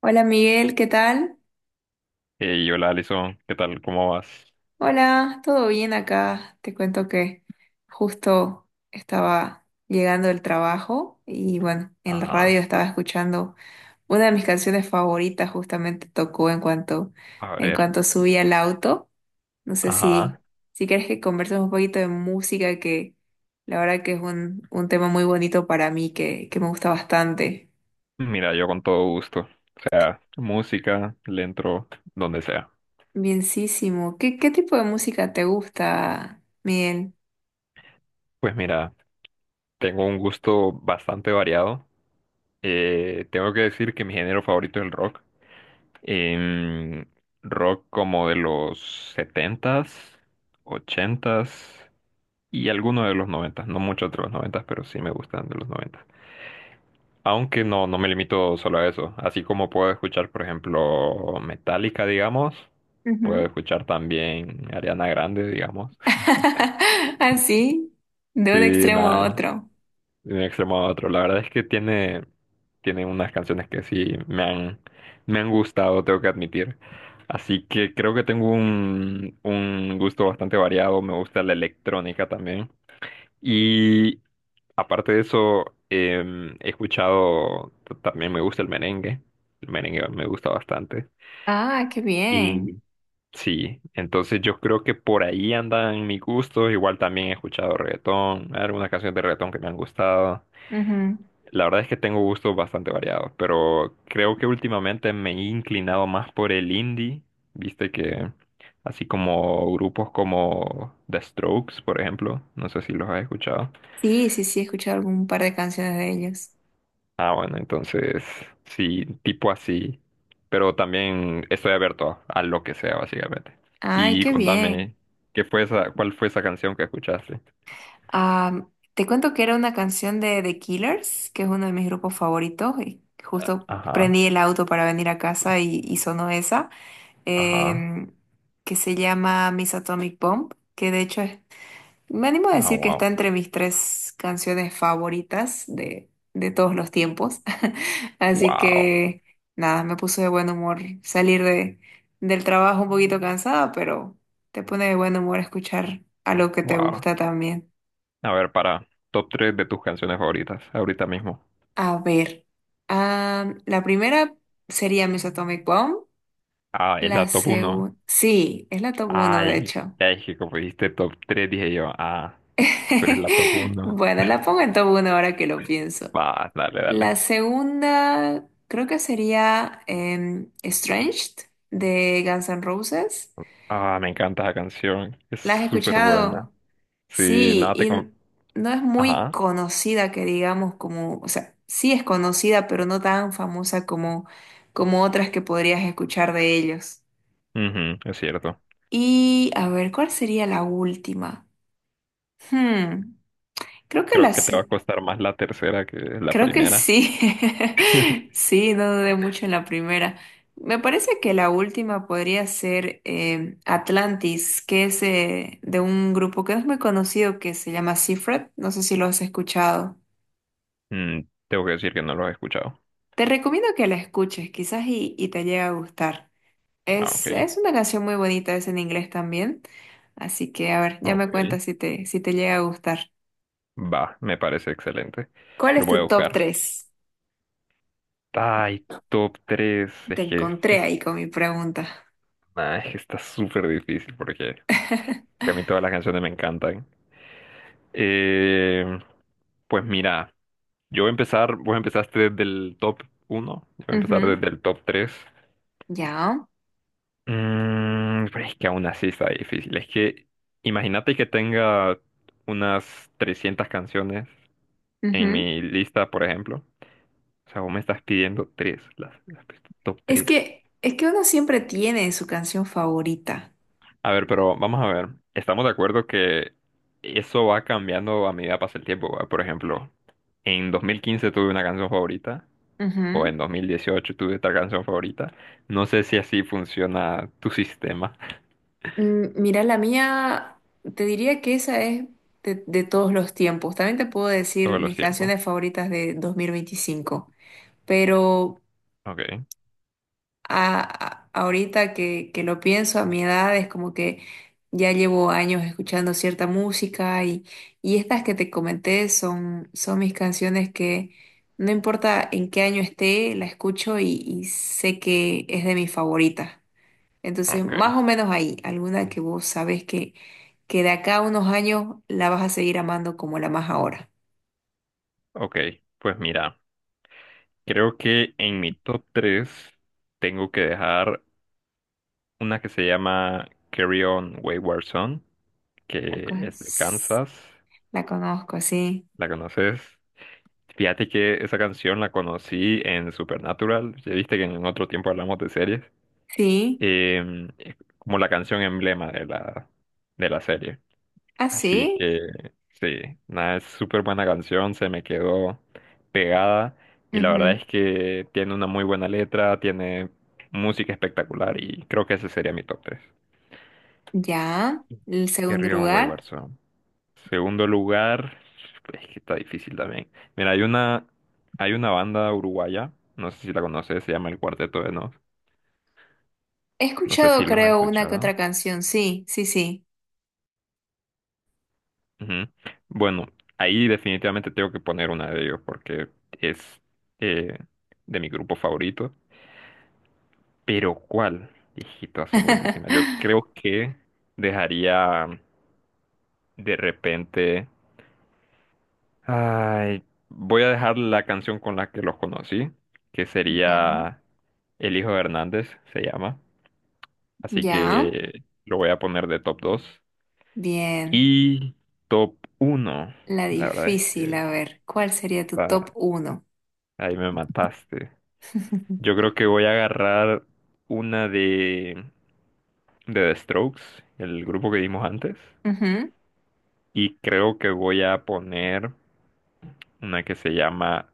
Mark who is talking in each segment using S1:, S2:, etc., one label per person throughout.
S1: Hola Miguel, ¿qué tal?
S2: Hey, hola Alison, ¿qué tal? ¿Cómo vas?
S1: Hola, ¿todo bien acá? Te cuento que justo estaba llegando del trabajo y bueno, en la radio
S2: Ajá,
S1: estaba escuchando una de mis canciones favoritas, justamente tocó
S2: a
S1: en
S2: ver,
S1: cuanto subí al auto. No sé si,
S2: ajá.
S1: si quieres que conversemos un poquito de música, que la verdad que es un tema muy bonito para mí, que me gusta bastante.
S2: Mira, yo con todo gusto. O sea, música, le entro donde sea.
S1: Bienísimo. ¿Qué tipo de música te gusta, Miguel?
S2: Pues mira, tengo un gusto bastante variado. Tengo que decir que mi género favorito es el rock. Em, Rock como de los setentas, ochentas y algunos de los noventas. No mucho de los noventas, pero sí me gustan de los noventas. Aunque no, no me limito solo a eso. Así como puedo escuchar, por ejemplo, Metallica, digamos, puedo escuchar también Ariana Grande, digamos.
S1: Así, de
S2: Sí,
S1: un extremo
S2: nada,
S1: a otro.
S2: de un extremo a otro. La verdad es que tiene unas canciones que sí me han gustado, tengo que admitir. Así que creo que tengo un gusto bastante variado. Me gusta la electrónica también. Y aparte de eso, he escuchado, también me gusta el merengue. El merengue me gusta bastante.
S1: Ah, qué
S2: Y
S1: bien.
S2: sí, entonces yo creo que por ahí andan mis gustos. Igual también he escuchado reggaetón, algunas canciones de reggaetón que me han gustado.
S1: Ujú.
S2: La verdad es que tengo gustos bastante variados, pero creo que últimamente me he inclinado más por el indie. Viste que así como grupos como The Strokes, por ejemplo, no sé si los has escuchado.
S1: Sí, sí, sí, he escuchado algún par de canciones de ellos.
S2: Ah, bueno, entonces sí, tipo así. Pero también estoy abierto a lo que sea, básicamente.
S1: Ay,
S2: Y
S1: qué bien.
S2: contame, ¿cuál fue esa canción que escuchaste?
S1: Ah, te cuento que era una canción de The Killers, que es uno de mis grupos favoritos. Y justo
S2: Ajá,
S1: prendí el auto para venir a casa y sonó esa,
S2: ajá.
S1: em, que se llama Miss Atomic Bomb, que de hecho es, me animo a
S2: Ah,
S1: decir que está
S2: wow.
S1: entre mis tres canciones favoritas de todos los tiempos. Así
S2: Wow,
S1: que nada, me puso de buen humor salir de, del trabajo un poquito cansada, pero te pone de buen humor escuchar algo que te
S2: wow.
S1: gusta también.
S2: A ver, para top 3 de tus canciones favoritas, ahorita mismo.
S1: A ver, ah, la primera sería Miss Atomic Bomb.
S2: Ah, es
S1: La
S2: la top 1.
S1: segunda, sí, es la top 1 de
S2: Ay,
S1: hecho.
S2: es que como dijiste top 3, dije yo, ah, pero es la top 1.
S1: Bueno, la pongo en top 1 ahora que lo pienso.
S2: Va, dale,
S1: La
S2: dale.
S1: segunda creo que sería Estranged de Guns N' Roses.
S2: Ah, me encanta esa canción, es
S1: ¿La has
S2: súper buena.
S1: escuchado?
S2: Sí,
S1: Sí,
S2: nada.
S1: y no es muy
S2: Ajá,
S1: conocida que digamos como, o sea, sí es conocida, pero no tan famosa como, como otras que podrías escuchar de ellos.
S2: ujú, es cierto.
S1: Y a ver, ¿cuál sería la última? Hmm, creo que
S2: Creo que
S1: las,
S2: te va a costar más la tercera que la
S1: creo que
S2: primera.
S1: sí. Sí, no dudé mucho en la primera. Me parece que la última podría ser Atlantis, que es de un grupo que no es muy conocido que se llama Seafret. No sé si lo has escuchado.
S2: Mm, Tengo que decir que no los he escuchado.
S1: Te recomiendo que la escuches, quizás y te llegue a gustar.
S2: Ah,
S1: Es,
S2: ok,
S1: es una canción muy bonita, es en inglés también. Así que, a ver, ya me
S2: ok.
S1: cuentas si te, si te llega a gustar.
S2: Va, me parece excelente.
S1: ¿Cuál
S2: Lo
S1: es
S2: voy a
S1: tu top
S2: buscar.
S1: tres?
S2: Ay, top tres.
S1: Te
S2: Es que,
S1: encontré ahí con mi pregunta.
S2: nah, es que está súper difícil porque a mí todas las canciones me encantan. Eh, pues mira, yo voy a empezar, vos empezaste desde el top uno, yo voy a empezar
S1: Ujú,
S2: desde el top 3.
S1: ya.
S2: Pero es que aún así está difícil. Es que imagínate que tenga unas 300 canciones en
S1: Ujú.
S2: mi lista, por ejemplo. O sea, vos me estás pidiendo tres, las top tres.
S1: Es que uno siempre tiene su canción favorita.
S2: A ver, pero vamos a ver. Estamos de acuerdo que eso va cambiando a medida que pasa el tiempo, ¿va? Por ejemplo, en 2015 tuve una canción favorita, o
S1: Ujú.
S2: en 2018 tuve otra canción favorita. No sé si así funciona tu sistema.
S1: Mm, mira, la mía, te diría que esa es de todos los tiempos. También te puedo decir
S2: Todos los
S1: mis
S2: tiempos.
S1: canciones favoritas de 2025. Pero
S2: Ok,
S1: ahorita que lo pienso, a mi edad es como que ya llevo años escuchando cierta música y estas que te comenté son, son mis canciones que no importa en qué año esté, la escucho y sé que es de mis favoritas. Entonces, más
S2: ok.
S1: o menos ahí, alguna que vos sabes que de acá a unos años la vas a seguir amando como la más ahora.
S2: Ok, pues mira, creo que en mi top 3 tengo que dejar una que se llama Carry On Wayward Son,
S1: La,
S2: que
S1: co-
S2: es de Kansas.
S1: la conozco, sí.
S2: ¿La conoces? Fíjate que esa canción la conocí en Supernatural. Ya viste que en otro tiempo hablamos de series.
S1: Sí,
S2: Es como la canción emblema de la serie. Así
S1: así.
S2: que sí, nada, es súper buena canción, se me quedó pegada y la verdad es que tiene una muy buena letra, tiene música espectacular y creo que ese sería mi top tres.
S1: Ya, el segundo
S2: Carry On Wayward
S1: lugar.
S2: Son. Segundo lugar, es que está difícil también. Mira, hay una banda uruguaya, no sé si la conoces, se llama El Cuarteto de Nos.
S1: He
S2: No sé
S1: escuchado,
S2: si los has
S1: creo, una que
S2: escuchado.
S1: otra canción. Sí, sí, sí.
S2: Ujú. Bueno, ahí definitivamente tengo que poner una de ellos porque es eh, de mi grupo favorito. Pero ¿cuál? Hijito, eso buenísima. Yo creo que dejaría de repente. Ay, voy a dejar la canción con la que los conocí, que
S1: Ya,
S2: sería El Hijo de Hernández, se llama. Así
S1: ya.
S2: que lo voy a poner de top dos.
S1: Bien.
S2: Y top uno,
S1: La
S2: la verdad es
S1: difícil,
S2: que
S1: a ver, ¿cuál sería tu
S2: está-
S1: top uno?
S2: ahí me mataste. Yo creo que voy a agarrar una de The Strokes, el grupo que vimos antes,
S1: Ujú.
S2: y creo que voy a poner una que se llama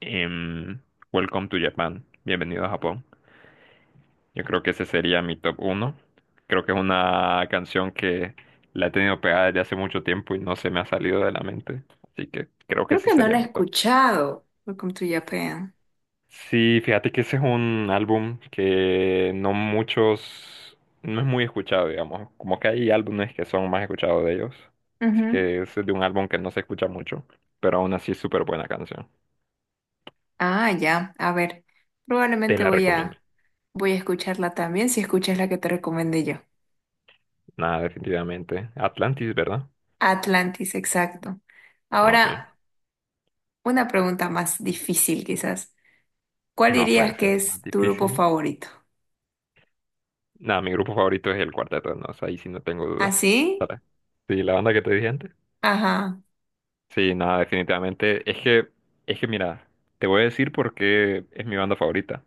S2: em, Welcome to Japan, Bienvenido a Japón. Yo creo que ese sería mi top uno. Creo que es una canción que la he tenido pegada desde hace mucho tiempo y no se me ha salido de la mente, así que creo que
S1: Creo
S2: ese
S1: que no
S2: sería
S1: la he
S2: mi top.
S1: escuchado. Welcome to Japan.
S2: Sí, fíjate que ese es un álbum que no muchos, no es muy escuchado, digamos. Como que hay álbumes que son más escuchados de ellos. Así
S1: Ujú.
S2: que ese es de un álbum que no se escucha mucho, pero aún así es súper buena canción.
S1: Ah, ya. A ver,
S2: Te
S1: probablemente
S2: la recomiendo.
S1: voy a escucharla también si escuchas la que te recomendé yo.
S2: Nada, definitivamente. Atlantis, ¿verdad?
S1: Atlantis, exacto.
S2: Ok.
S1: Ahora, una pregunta más difícil quizás. ¿Cuál
S2: No
S1: dirías
S2: puede ser
S1: que
S2: más
S1: es tu grupo
S2: difícil.
S1: favorito?
S2: Nada, mi grupo favorito es el Cuarteto de Nos, ahí sí no tengo dudas.
S1: ¿Así?
S2: Sara. Sí, la banda que te dije antes.
S1: Ajá.
S2: Sí, nada, definitivamente. Es que mira, te voy a decir por qué es mi banda favorita.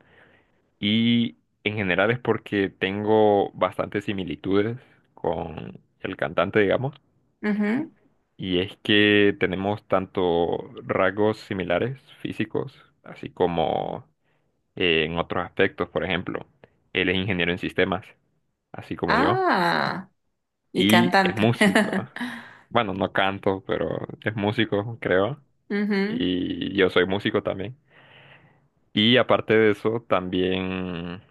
S2: Y en general es porque tengo bastantes similitudes con el cantante, digamos.
S1: Ujú.
S2: Y es que tenemos tanto rasgos similares físicos, así como en otros aspectos. Por ejemplo, él es ingeniero en sistemas, así como yo.
S1: Ah, y
S2: Y es
S1: cantante.
S2: músico. Bueno, no canto, pero es músico, creo.
S1: Ujú,
S2: Y yo soy músico también. Y aparte de eso, también,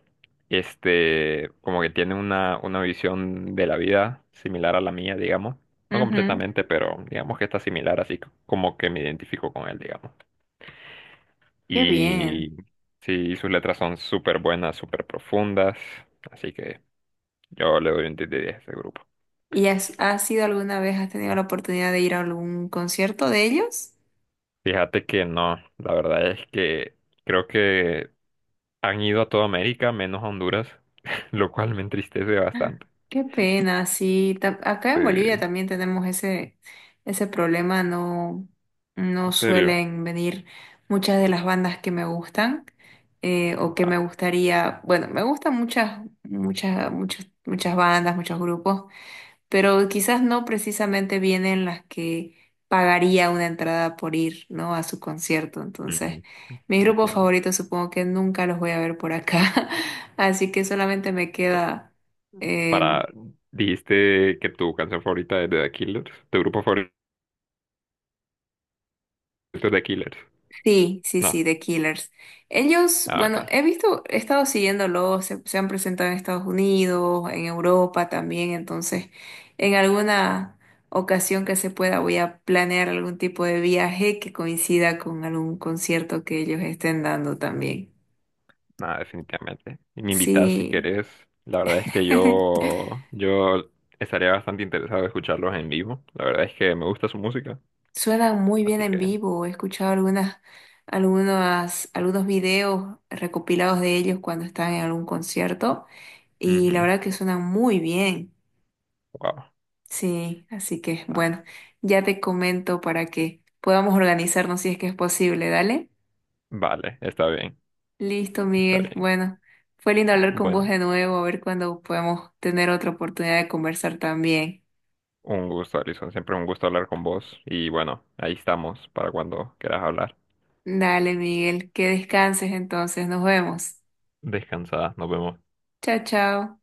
S2: este, como que tiene una visión de la vida similar a la mía, digamos. No
S1: ujú.
S2: completamente, pero digamos que está similar, así como que me identifico con él, digamos.
S1: Qué bien.
S2: Y sí, sus letras son súper buenas, súper profundas, así que yo le doy un 10 de 10 a este grupo.
S1: ¿Y has, has ido alguna vez, has tenido la oportunidad de ir a algún concierto de ellos?
S2: Fíjate que no, la verdad es que creo que han ido a toda América menos a Honduras, lo cual me entristece bastante.
S1: Qué pena, sí. Ta- Acá en Bolivia
S2: Sí,
S1: también tenemos ese, ese problema, no, no
S2: en serio.
S1: suelen venir muchas de las bandas que me gustan o que me gustaría, bueno, me gustan muchas, muchas, muchas, muchas bandas, muchos grupos pero quizás no precisamente vienen las que pagaría una entrada por ir, ¿no? A su concierto. Entonces,
S2: Mm,
S1: mis grupos
S2: Entiendo.
S1: favoritos supongo que nunca los voy a ver por acá, así que solamente me queda em,
S2: Para, dijiste que tu canción favorita es de The Killers, tu grupo favorito es The Killers.
S1: sí, sí,
S2: No,
S1: sí, The Killers. Ellos,
S2: ah, ok,
S1: bueno, he visto, he estado siguiéndolos, se han presentado en Estados Unidos, en Europa también, entonces en alguna ocasión que se pueda voy a planear algún tipo de viaje que coincida con algún concierto que ellos estén dando también.
S2: nada definitivamente. Y me invitas si
S1: Sí,
S2: querés. La verdad es que yo estaría bastante interesado en escucharlos en vivo. La verdad es que me gusta su música,
S1: suenan muy bien
S2: así
S1: en
S2: que,
S1: vivo, he escuchado algunas, algunas, algunos videos recopilados de ellos cuando están en algún concierto y la
S2: ujú,
S1: verdad que suenan muy bien.
S2: wow.
S1: Sí, así que bueno,
S2: Ah,
S1: ya te comento para que podamos organizarnos si es que es posible, dale.
S2: vale, está bien,
S1: Listo,
S2: está
S1: Miguel.
S2: bien.
S1: Bueno, fue lindo hablar con vos
S2: Bueno,
S1: de nuevo, a ver cuándo podemos tener otra oportunidad de conversar también.
S2: un gusto, Alison. Siempre un gusto hablar con vos. Y bueno, ahí estamos para cuando quieras hablar.
S1: Dale, Miguel, que descanses entonces, nos vemos.
S2: Descansada, nos vemos.
S1: Chao, chao.